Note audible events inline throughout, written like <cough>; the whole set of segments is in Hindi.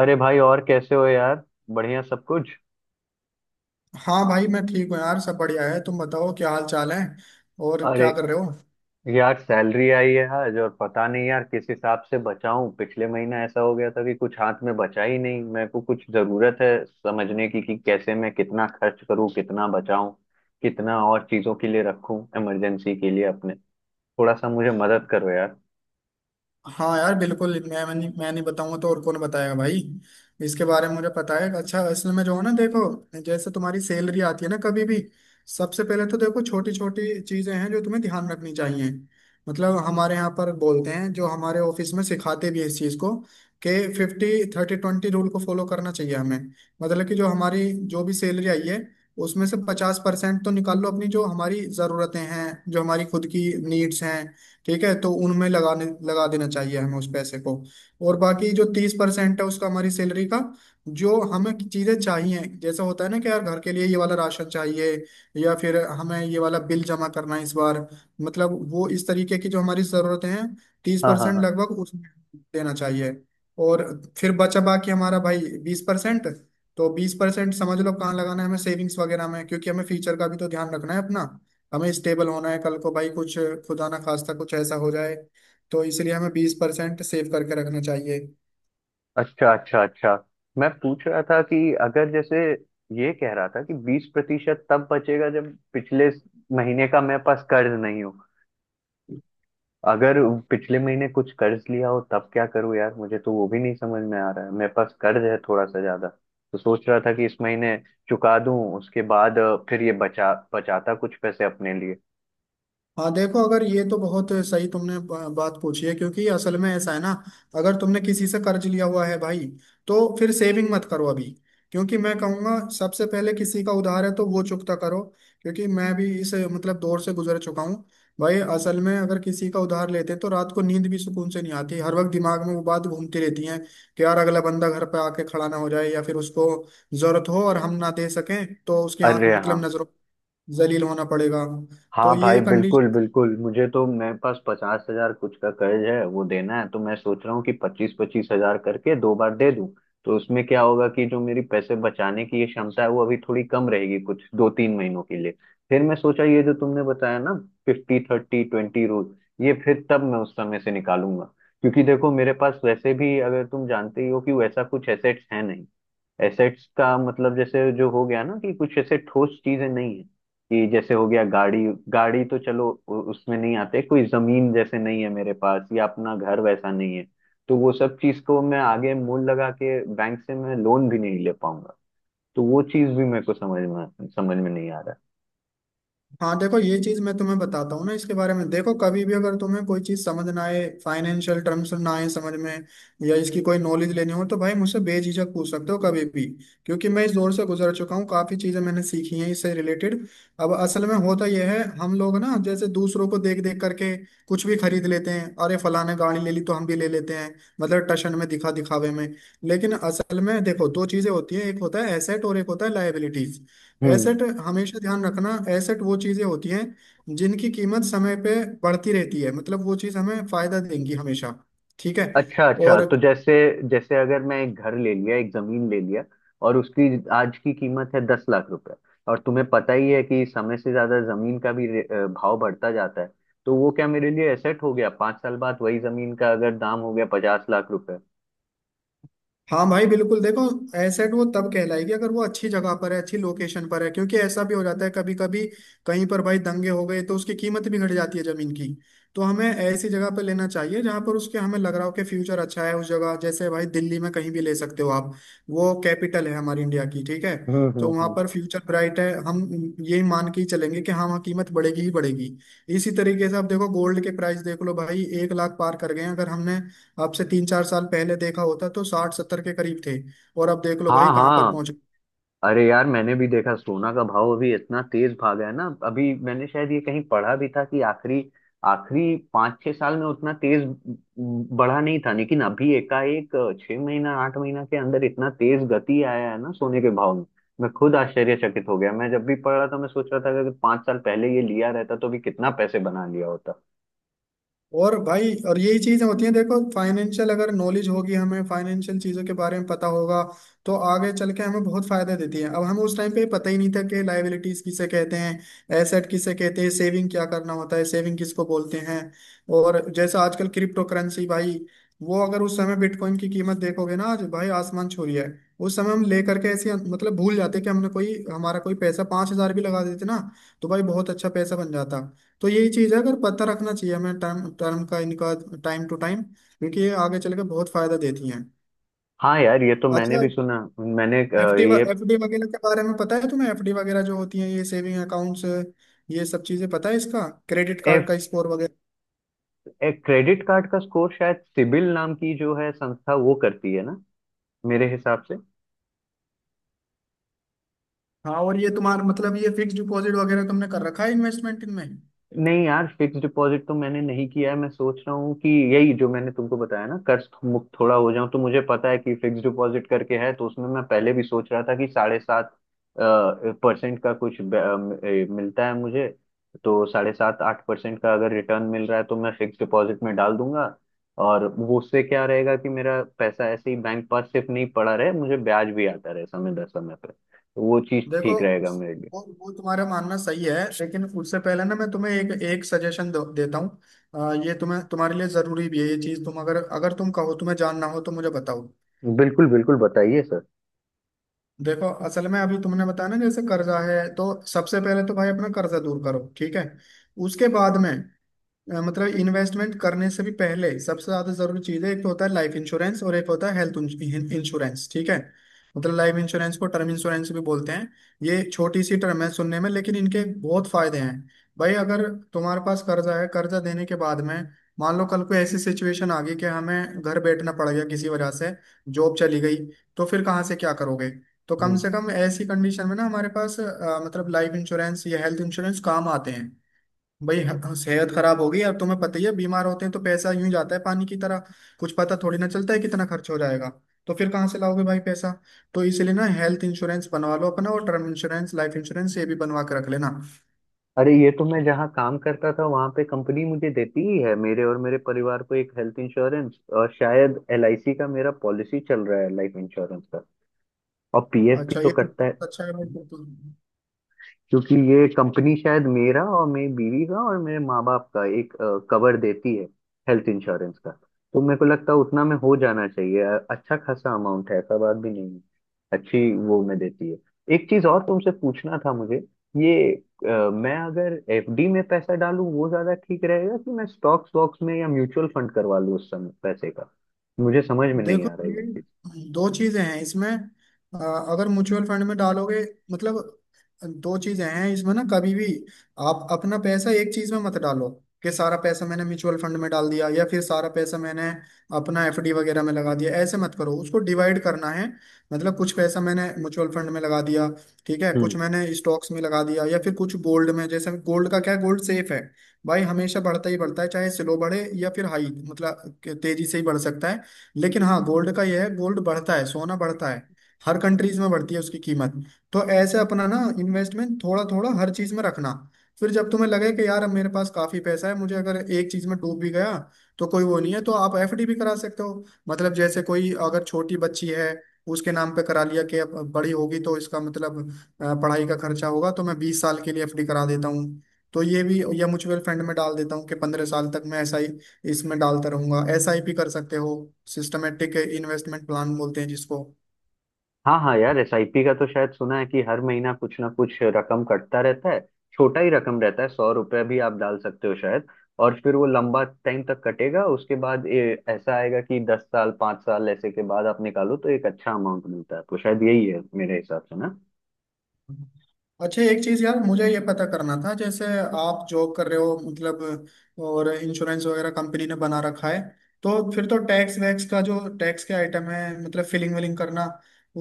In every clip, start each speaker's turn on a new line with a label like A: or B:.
A: अरे भाई, और कैसे हो यार? बढ़िया सब कुछ।
B: हाँ भाई मैं ठीक हूँ यार, सब बढ़िया है। तुम बताओ क्या हाल चाल है, और
A: अरे
B: क्या कर रहे हो?
A: यार, सैलरी आई है आज, और पता नहीं यार किस हिसाब से बचाऊं। पिछले महीना ऐसा हो गया था कि कुछ हाथ में बचा ही नहीं। मेरे को कुछ जरूरत है समझने की कि कैसे मैं कितना खर्च करूं, कितना बचाऊं, कितना और चीजों के लिए रखूं, इमरजेंसी के लिए अपने। थोड़ा सा मुझे मदद करो यार।
B: हाँ यार बिल्कुल। मैं नहीं बताऊंगा तो और कौन बताएगा भाई? इसके बारे में मुझे पता है। अच्छा, असल में जो है ना, देखो, जैसे तुम्हारी सैलरी आती है ना कभी भी, सबसे पहले तो देखो छोटी छोटी चीजें हैं जो तुम्हें ध्यान रखनी चाहिए। मतलब हमारे यहाँ पर बोलते हैं, जो हमारे ऑफिस में सिखाते भी हैं इस चीज को, कि 50-30-20 रूल को फॉलो करना चाहिए हमें। मतलब कि जो हमारी जो भी सैलरी आई है उसमें से 50% तो निकाल लो, अपनी जो हमारी ज़रूरतें हैं, जो हमारी खुद की नीड्स हैं, ठीक है, तो उनमें लगाने लगा देना चाहिए हमें उस पैसे को। और बाकी जो 30% है उसका, हमारी सैलरी का, जो हमें चीजें चाहिए, जैसा होता है ना कि यार घर के लिए ये वाला राशन चाहिए या फिर हमें ये वाला बिल जमा करना है इस बार, मतलब वो इस तरीके की जो हमारी जरूरतें हैं, तीस
A: हाँ हाँ
B: परसेंट
A: हाँ।
B: लगभग उसमें देना चाहिए। और फिर बचा बाकी हमारा भाई 20%। तो 20% समझ लो कहाँ लगाना है हमें, सेविंग्स वगैरह में, क्योंकि हमें फ्यूचर का भी तो ध्यान रखना है अपना। हमें स्टेबल होना है कल को भाई, कुछ खुदा ना खास्ता कुछ ऐसा हो जाए, तो इसलिए हमें 20% सेव करके रखना चाहिए।
A: अच्छा अच्छा अच्छा। मैं पूछ रहा था कि अगर, जैसे ये कह रहा था कि 20% तब बचेगा जब पिछले महीने का मेरे पास कर्ज नहीं हो। अगर पिछले महीने कुछ कर्ज लिया हो तब क्या करूं यार, मुझे तो वो भी नहीं समझ में आ रहा है। मेरे पास कर्ज है थोड़ा सा ज्यादा, तो सोच रहा था कि इस महीने चुका दूं। उसके बाद फिर ये बचा बचाता कुछ पैसे अपने लिए।
B: हाँ देखो, अगर ये, तो बहुत सही तुमने बात पूछी है, क्योंकि असल में ऐसा है ना, अगर तुमने किसी से कर्ज लिया हुआ है भाई तो फिर सेविंग मत करो अभी, क्योंकि मैं कहूँगा सबसे पहले किसी का उधार है तो वो चुकता करो। क्योंकि मैं भी इस मतलब दौर से गुजर चुका हूँ भाई। असल में अगर किसी का उधार लेते हैं तो रात को नींद भी सुकून से नहीं आती, हर वक्त दिमाग में वो बात घूमती रहती है कि यार अगला बंदा घर पे आके खड़ा ना हो जाए या फिर उसको जरूरत हो और हम ना दे सकें तो उसकी
A: अरे हाँ।
B: मतलब नजरों जलील होना पड़ेगा। तो
A: हाँ
B: ये
A: भाई बिल्कुल
B: कंडीशन।
A: बिल्कुल, मुझे तो, मेरे पास 50,000 कुछ का कर्ज है, वो देना है तो मैं सोच रहा हूँ कि पच्चीस पच्चीस हजार करके दो बार दे दूं। तो उसमें क्या होगा कि जो मेरी पैसे बचाने की ये क्षमता है वो अभी थोड़ी कम रहेगी कुछ 2-3 महीनों के लिए। फिर मैं सोचा ये जो तुमने बताया ना, 50-30-20 रूल, ये फिर तब मैं उस समय से निकालूंगा। क्योंकि देखो मेरे पास वैसे भी, अगर तुम जानते ही हो, कि वैसा कुछ एसेट्स है नहीं। एसेट्स का मतलब जैसे, जो हो गया ना, कि कुछ ऐसे ठोस चीजें नहीं है, कि जैसे हो गया गाड़ी। गाड़ी तो चलो उसमें नहीं आते। कोई जमीन जैसे नहीं है मेरे पास, या अपना घर वैसा नहीं है। तो वो सब चीज को मैं आगे मूल लगा के बैंक से मैं लोन भी नहीं ले पाऊंगा। तो वो चीज भी मेरे को समझ में नहीं आ
B: हाँ देखो, ये चीज मैं तुम्हें बताता हूँ ना, इसके बारे में देखो कभी भी अगर तुम्हें कोई चीज समझ ना आए, फाइनेंशियल टर्म्स ना आए समझ में, या इसकी कोई नॉलेज लेनी हो तो भाई मुझसे बेझिझक पूछ सकते हो कभी भी। क्योंकि मैं इस दौर से गुजर चुका हूँ, काफी चीजें मैंने सीखी हैं इससे रिलेटेड। अब असल में होता यह है, हम लोग ना जैसे दूसरों को देख देख करके कुछ भी खरीद लेते हैं, अरे फलाने गाड़ी ले ली तो हम भी ले लेते हैं, मतलब टशन में, दिखा दिखावे में। लेकिन असल में देखो, दो चीजें होती है, एक होता है एसेट और एक होता है लाइबिलिटी।
A: रहा।
B: एसेट हमेशा ध्यान रखना, एसेट वो चीजें होती हैं जिनकी कीमत समय पे बढ़ती रहती है, मतलब वो चीज हमें फायदा देंगी हमेशा, ठीक है।
A: अच्छा अच्छा।
B: और
A: तो जैसे, जैसे अगर मैं एक घर ले लिया, एक जमीन ले लिया, और उसकी आज की कीमत है 10 लाख रुपए, और तुम्हें पता ही है कि समय से ज्यादा जमीन का भी भाव बढ़ता जाता है। तो वो क्या मेरे लिए एसेट हो गया? 5 साल बाद वही जमीन का अगर दाम हो गया 50 लाख रुपए।
B: हाँ भाई बिल्कुल, देखो एसेट वो तब कहलाएगी अगर वो अच्छी जगह पर है, अच्छी लोकेशन पर है, क्योंकि ऐसा भी हो जाता है कभी कभी, कहीं पर भाई दंगे हो गए तो उसकी कीमत भी घट जाती है जमीन की। तो हमें ऐसी जगह पर लेना चाहिए जहाँ पर उसके हमें लग रहा हो कि फ्यूचर अच्छा है उस जगह, जैसे भाई दिल्ली में कहीं भी ले सकते हो आप, वो कैपिटल है हमारी इंडिया की, ठीक है। तो वहाँ
A: हम्म।
B: पर फ्यूचर ब्राइट है, हम यही मान के ही चलेंगे कि हाँ वहाँ कीमत बढ़ेगी ही बढ़ेगी। इसी तरीके से आप देखो, गोल्ड के प्राइस देख लो भाई, एक लाख पार कर गए हैं। अगर हमने आपसे 3-4 साल पहले देखा होता तो 60-70 के करीब थे, और अब देख लो
A: हाँ
B: भाई कहाँ पर
A: हाँ।
B: पहुंच।
A: अरे यार, मैंने भी देखा, सोना का भाव अभी इतना तेज भागा है ना। अभी मैंने शायद ये कहीं पढ़ा भी था कि आखिरी आखिरी 5-6 साल में उतना तेज बढ़ा नहीं था, लेकिन अभी एकाएक 6 महीना 8 महीना के अंदर इतना तेज गति आया है ना सोने के भाव में। मैं खुद आश्चर्यचकित हो गया। मैं जब भी पढ़ रहा था, मैं सोच रहा था कि अगर 5 साल पहले ये लिया रहता तो भी कितना पैसे बना लिया होता।
B: और भाई, और यही चीजें होती हैं, देखो फाइनेंशियल अगर नॉलेज होगी, हमें फाइनेंशियल चीजों के बारे में पता होगा तो आगे चल के हमें बहुत फायदा देती है। अब हमें उस टाइम पे पता ही नहीं था कि लायबिलिटीज किसे कहते हैं, एसेट किसे कहते हैं, सेविंग क्या करना होता है, सेविंग किसको बोलते हैं। और जैसा आजकल क्रिप्टो करेंसी भाई, वो अगर उस समय बिटकॉइन की कीमत देखोगे ना, आज भाई आसमान छू रही है। उस समय हम लेकर के ऐसे मतलब भूल जाते, कि हमने कोई हमारा कोई पैसा 5,000 भी लगा देते ना तो भाई बहुत अच्छा पैसा बन जाता। तो यही चीज है, अगर पता रखना चाहिए हमें टाइम टर्म का इनका, टाइम टू टाइम, क्योंकि ये आगे चल के बहुत फायदा देती हैं।
A: हाँ यार, ये तो मैंने
B: अच्छा,
A: भी सुना। मैंने अ,
B: एफडी
A: ये
B: एफडी वगैरह के बारे में पता है तुम्हें? एफडी वगैरह जो होती हैं, ये सेविंग अकाउंट्स, ये सब चीजें पता है? इसका क्रेडिट
A: ए,
B: कार्ड का स्कोर वगैरह?
A: ए, क्रेडिट कार्ड का स्कोर शायद सिबिल नाम की जो है संस्था, वो करती है ना, मेरे हिसाब से।
B: हाँ, और ये तुम्हारा मतलब ये फिक्स डिपॉजिट वगैरह तुमने कर रखा है, इन्वेस्टमेंट इनमें?
A: नहीं यार, फिक्स डिपॉजिट तो मैंने नहीं किया है। मैं सोच रहा हूँ कि, यही जो मैंने तुमको बताया ना, कर्ज मुक्त थोड़ा हो जाऊं, तो मुझे पता है कि फिक्स डिपॉजिट करके है, तो उसमें मैं पहले भी सोच रहा था कि 7.5% का कुछ मिलता है मुझे। तो 7.5-8% का अगर रिटर्न मिल रहा है, तो मैं फिक्स डिपॉजिट में डाल दूंगा। और वो उससे क्या रहेगा कि मेरा पैसा ऐसे ही बैंक पास सिर्फ नहीं पड़ा रहे, मुझे ब्याज भी आता रहे समय दर समय पर, तो वो चीज
B: देखो,
A: ठीक रहेगा मेरे लिए।
B: वो तुम्हारा मानना सही है, लेकिन उससे पहले ना मैं तुम्हें एक एक सजेशन देता हूँ। ये तुम्हें, तुम्हारे लिए जरूरी भी है ये चीज। तुम अगर, तुम कहो तुम्हें जानना हो तो मुझे बताओ।
A: बिल्कुल बिल्कुल, बताइए सर।
B: देखो असल में अभी तुमने बताया ना जैसे कर्जा है, तो सबसे पहले तो भाई अपना कर्जा दूर करो, ठीक है। उसके बाद में मतलब इन्वेस्टमेंट करने से भी पहले सबसे ज्यादा जरूरी चीज है, एक तो होता है लाइफ इंश्योरेंस और एक होता है हेल्थ इंश्योरेंस, ठीक है। मतलब लाइफ इंश्योरेंस को टर्म इंश्योरेंस भी बोलते हैं। ये छोटी सी टर्म है सुनने में लेकिन इनके बहुत फायदे हैं। भाई अगर तुम्हारे पास कर्जा है, कर्जा देने के बाद में, मान लो कल को ऐसी सिचुएशन आ गई कि हमें घर बैठना पड़ गया किसी वजह से, जॉब चली गई, तो फिर कहाँ से क्या करोगे? तो कम
A: हम्म।
B: से कम ऐसी कंडीशन में ना हमारे पास मतलब लाइफ इंश्योरेंस या हेल्थ इंश्योरेंस काम आते हैं। भाई सेहत खराब होगी, और तुम्हें पता ही है, बीमार होते हैं तो पैसा यूं ही जाता है पानी की तरह। कुछ पता थोड़ी ना चलता है कितना खर्च हो जाएगा, तो फिर कहाँ से लाओगे भाई पैसा? तो इसलिए ना हेल्थ इंश्योरेंस बनवा लो अपना, और टर्म इंश्योरेंस, लाइफ इंश्योरेंस, ये भी बनवा के रख लेना।
A: अरे ये तो, मैं जहाँ काम करता था वहां पे कंपनी मुझे देती ही है, मेरे और मेरे परिवार को, एक हेल्थ इंश्योरेंस, और शायद एलआईसी का मेरा पॉलिसी चल रहा है, लाइफ इंश्योरेंस का। और पीएफ भी
B: अच्छा
A: तो
B: ये तो
A: कटता है।
B: अच्छा है भाई, फिर तो।
A: क्योंकि ये कंपनी शायद मेरा और मेरी बीवी का और मेरे माँ बाप का एक कवर देती है, हेल्थ इंश्योरेंस का। तो मेरे को लगता है उतना में हो जाना चाहिए, अच्छा खासा अमाउंट है, ऐसा बात भी नहीं है, अच्छी वो में देती है। एक चीज और तुमसे पूछना था मुझे। ये मैं अगर एफडी में पैसा डालूं वो ज्यादा ठीक रहेगा, कि मैं स्टॉक्स वॉक्स में या म्यूचुअल फंड करवा लूं उस समय पैसे का? मुझे समझ में नहीं
B: देखो
A: आ रहा है ये
B: ये दो चीजें हैं इसमें, अगर म्यूचुअल फंड में डालोगे, मतलब दो चीजें हैं इसमें ना, कभी भी आप अपना पैसा एक चीज में मत डालो, कि सारा पैसा मैंने म्यूचुअल फंड में डाल दिया या फिर सारा पैसा मैंने अपना एफडी वगैरह में लगा दिया, ऐसे मत करो, उसको डिवाइड करना है। मतलब कुछ पैसा मैंने म्यूचुअल फंड में लगा दिया, ठीक है, कुछ
A: चीज।
B: मैंने स्टॉक्स में लगा दिया, या फिर कुछ गोल्ड में। जैसे गोल्ड का क्या है, गोल्ड सेफ है भाई, हमेशा बढ़ता ही बढ़ता है, चाहे स्लो बढ़े या फिर हाई, मतलब तेजी से ही बढ़ सकता है। लेकिन हाँ, गोल्ड का यह है, गोल्ड बढ़ता है, सोना बढ़ता है, हर कंट्रीज में बढ़ती है उसकी कीमत। तो ऐसे अपना ना इन्वेस्टमेंट थोड़ा थोड़ा हर चीज में रखना। फिर जब तुम्हें लगे कि यार अब मेरे पास काफी पैसा है, मुझे अगर एक चीज में डूब भी गया तो कोई वो नहीं है, तो आप एफडी भी करा सकते हो, मतलब जैसे कोई अगर छोटी बच्ची है, उसके नाम पे करा लिया कि अब बड़ी होगी तो इसका मतलब पढ़ाई का खर्चा होगा, तो मैं 20 साल के लिए एफडी करा देता हूँ। तो ये भी, या म्यूचुअल फंड में डाल देता हूँ, कि 15 साल तक मैं ऐसा ही इसमें डालता रहूंगा, एसआईपी कर सकते हो, सिस्टमेटिक इन्वेस्टमेंट प्लान बोलते हैं जिसको।
A: हाँ हाँ यार, एसआईपी का तो शायद सुना है कि हर महीना कुछ ना कुछ रकम कटता रहता है, छोटा ही रकम रहता है, 100 रुपये भी आप डाल सकते हो शायद। और फिर वो लंबा टाइम तक कटेगा, उसके बाद ये ऐसा आएगा कि 10 साल 5 साल ऐसे के बाद आप निकालो तो एक अच्छा अमाउंट मिलता है। तो शायद यही है मेरे हिसाब से ना।
B: अच्छा, एक चीज यार मुझे ये पता करना था। जैसे आप जॉब कर रहे हो मतलब, और इंश्योरेंस वगैरह कंपनी ने बना रखा है, तो फिर तो टैक्स वैक्स का, जो टैक्स के आइटम है, मतलब फिलिंग विलिंग करना,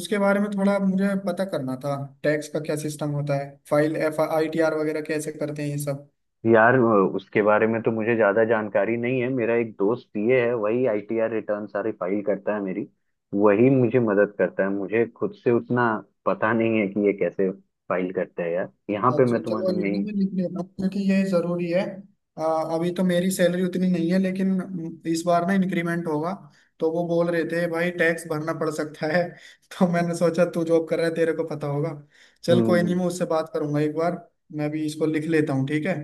B: उसके बारे में थोड़ा मुझे पता करना था। टैक्स का क्या सिस्टम होता है, फाइल FITR वगैरह कैसे करते हैं ये सब?
A: यार, उसके बारे में तो मुझे ज्यादा जानकारी नहीं है। मेरा एक दोस्त पीए है, वही आईटीआर रिटर्न सारी फाइल करता है मेरी। वही मुझे मदद करता है। मुझे खुद से उतना पता नहीं है कि ये कैसे फाइल करते हैं यार। यहाँ पे
B: अच्छा
A: मैं
B: चलो,
A: तुम्हारी
B: ये ना
A: नहीं।
B: मैं लिख लेता हूँ, क्योंकि ये जरूरी है। अ, अभी तो मेरी सैलरी उतनी नहीं है लेकिन इस बार ना इंक्रीमेंट होगा, तो वो बोल रहे थे भाई टैक्स भरना पड़ सकता है <laughs> तो मैंने सोचा तू जॉब कर रहा है तेरे को पता होगा। चल कोई नहीं,
A: हम्म।
B: मैं उससे बात करूंगा एक बार। मैं भी इसको लिख लेता हूँ, ठीक है।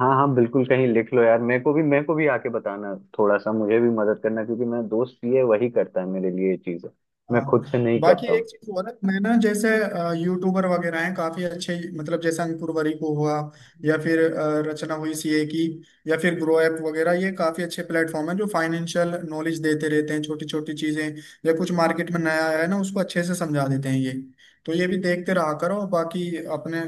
A: हाँ हाँ बिल्कुल, कहीं लिख लो यार। मेरे को भी, मेरे को भी आके बताना, थोड़ा सा मुझे भी मदद करना, क्योंकि मेरा दोस्त पीए वही करता है मेरे लिए ये चीजें, मैं
B: हाँ,
A: खुद से नहीं
B: बाकी
A: करता
B: एक
A: हूँ।
B: चीज और है। मैं ना, जैसे यूट्यूबर वगैरह हैं काफी अच्छे, मतलब जैसे अंकुर वरीको हुआ, या फिर रचना हुई सीए की, या फिर ग्रो ऐप वगैरह, ये काफी अच्छे प्लेटफॉर्म हैं जो फाइनेंशियल नॉलेज देते रहते हैं, छोटी छोटी चीजें, या कुछ मार्केट में नया आया है ना उसको अच्छे से समझा देते हैं ये। तो ये भी देखते रहा करो। बाकी अपने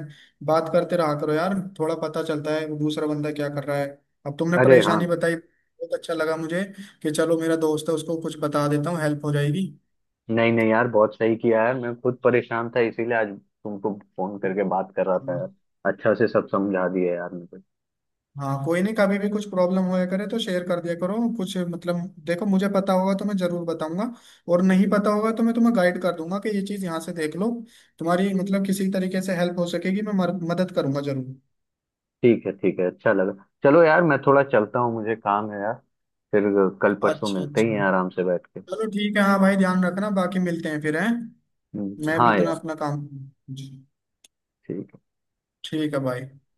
B: बात करते रहा करो यार, थोड़ा पता चलता है वो दूसरा बंदा क्या कर रहा है। अब तुमने
A: अरे हाँ।
B: परेशानी बताई, बहुत अच्छा लगा मुझे, कि चलो मेरा दोस्त है उसको कुछ बता देता हूँ, हेल्प हो जाएगी।
A: नहीं नहीं यार, बहुत सही किया है। मैं खुद परेशान था इसीलिए आज तुमको फोन करके बात कर रहा था यार। अच्छा से सब समझा दिया यार मुझे।
B: हाँ कोई नहीं, कभी भी कुछ प्रॉब्लम होया करे तो शेयर कर दिया करो कुछ, मतलब देखो मुझे पता होगा तो मैं जरूर बताऊंगा, और नहीं पता होगा तो मैं तुम्हें गाइड कर दूंगा कि ये चीज़ यहाँ से देख लो, तुम्हारी मतलब किसी तरीके से हेल्प हो सकेगी, मैं मदद करूंगा जरूर।
A: ठीक है ठीक है, अच्छा लगा। चलो यार, मैं थोड़ा चलता हूँ, मुझे काम है यार। फिर कल परसों
B: अच्छा
A: मिलते ही हैं,
B: अच्छा,
A: आराम से बैठ के।
B: चलो ठीक है। हाँ भाई ध्यान रखना, बाकी मिलते हैं फिर, हैं। मैं भी
A: हाँ
B: इतना
A: यार।
B: अपना काम। जी।
A: ठीक
B: ठीक है भाई।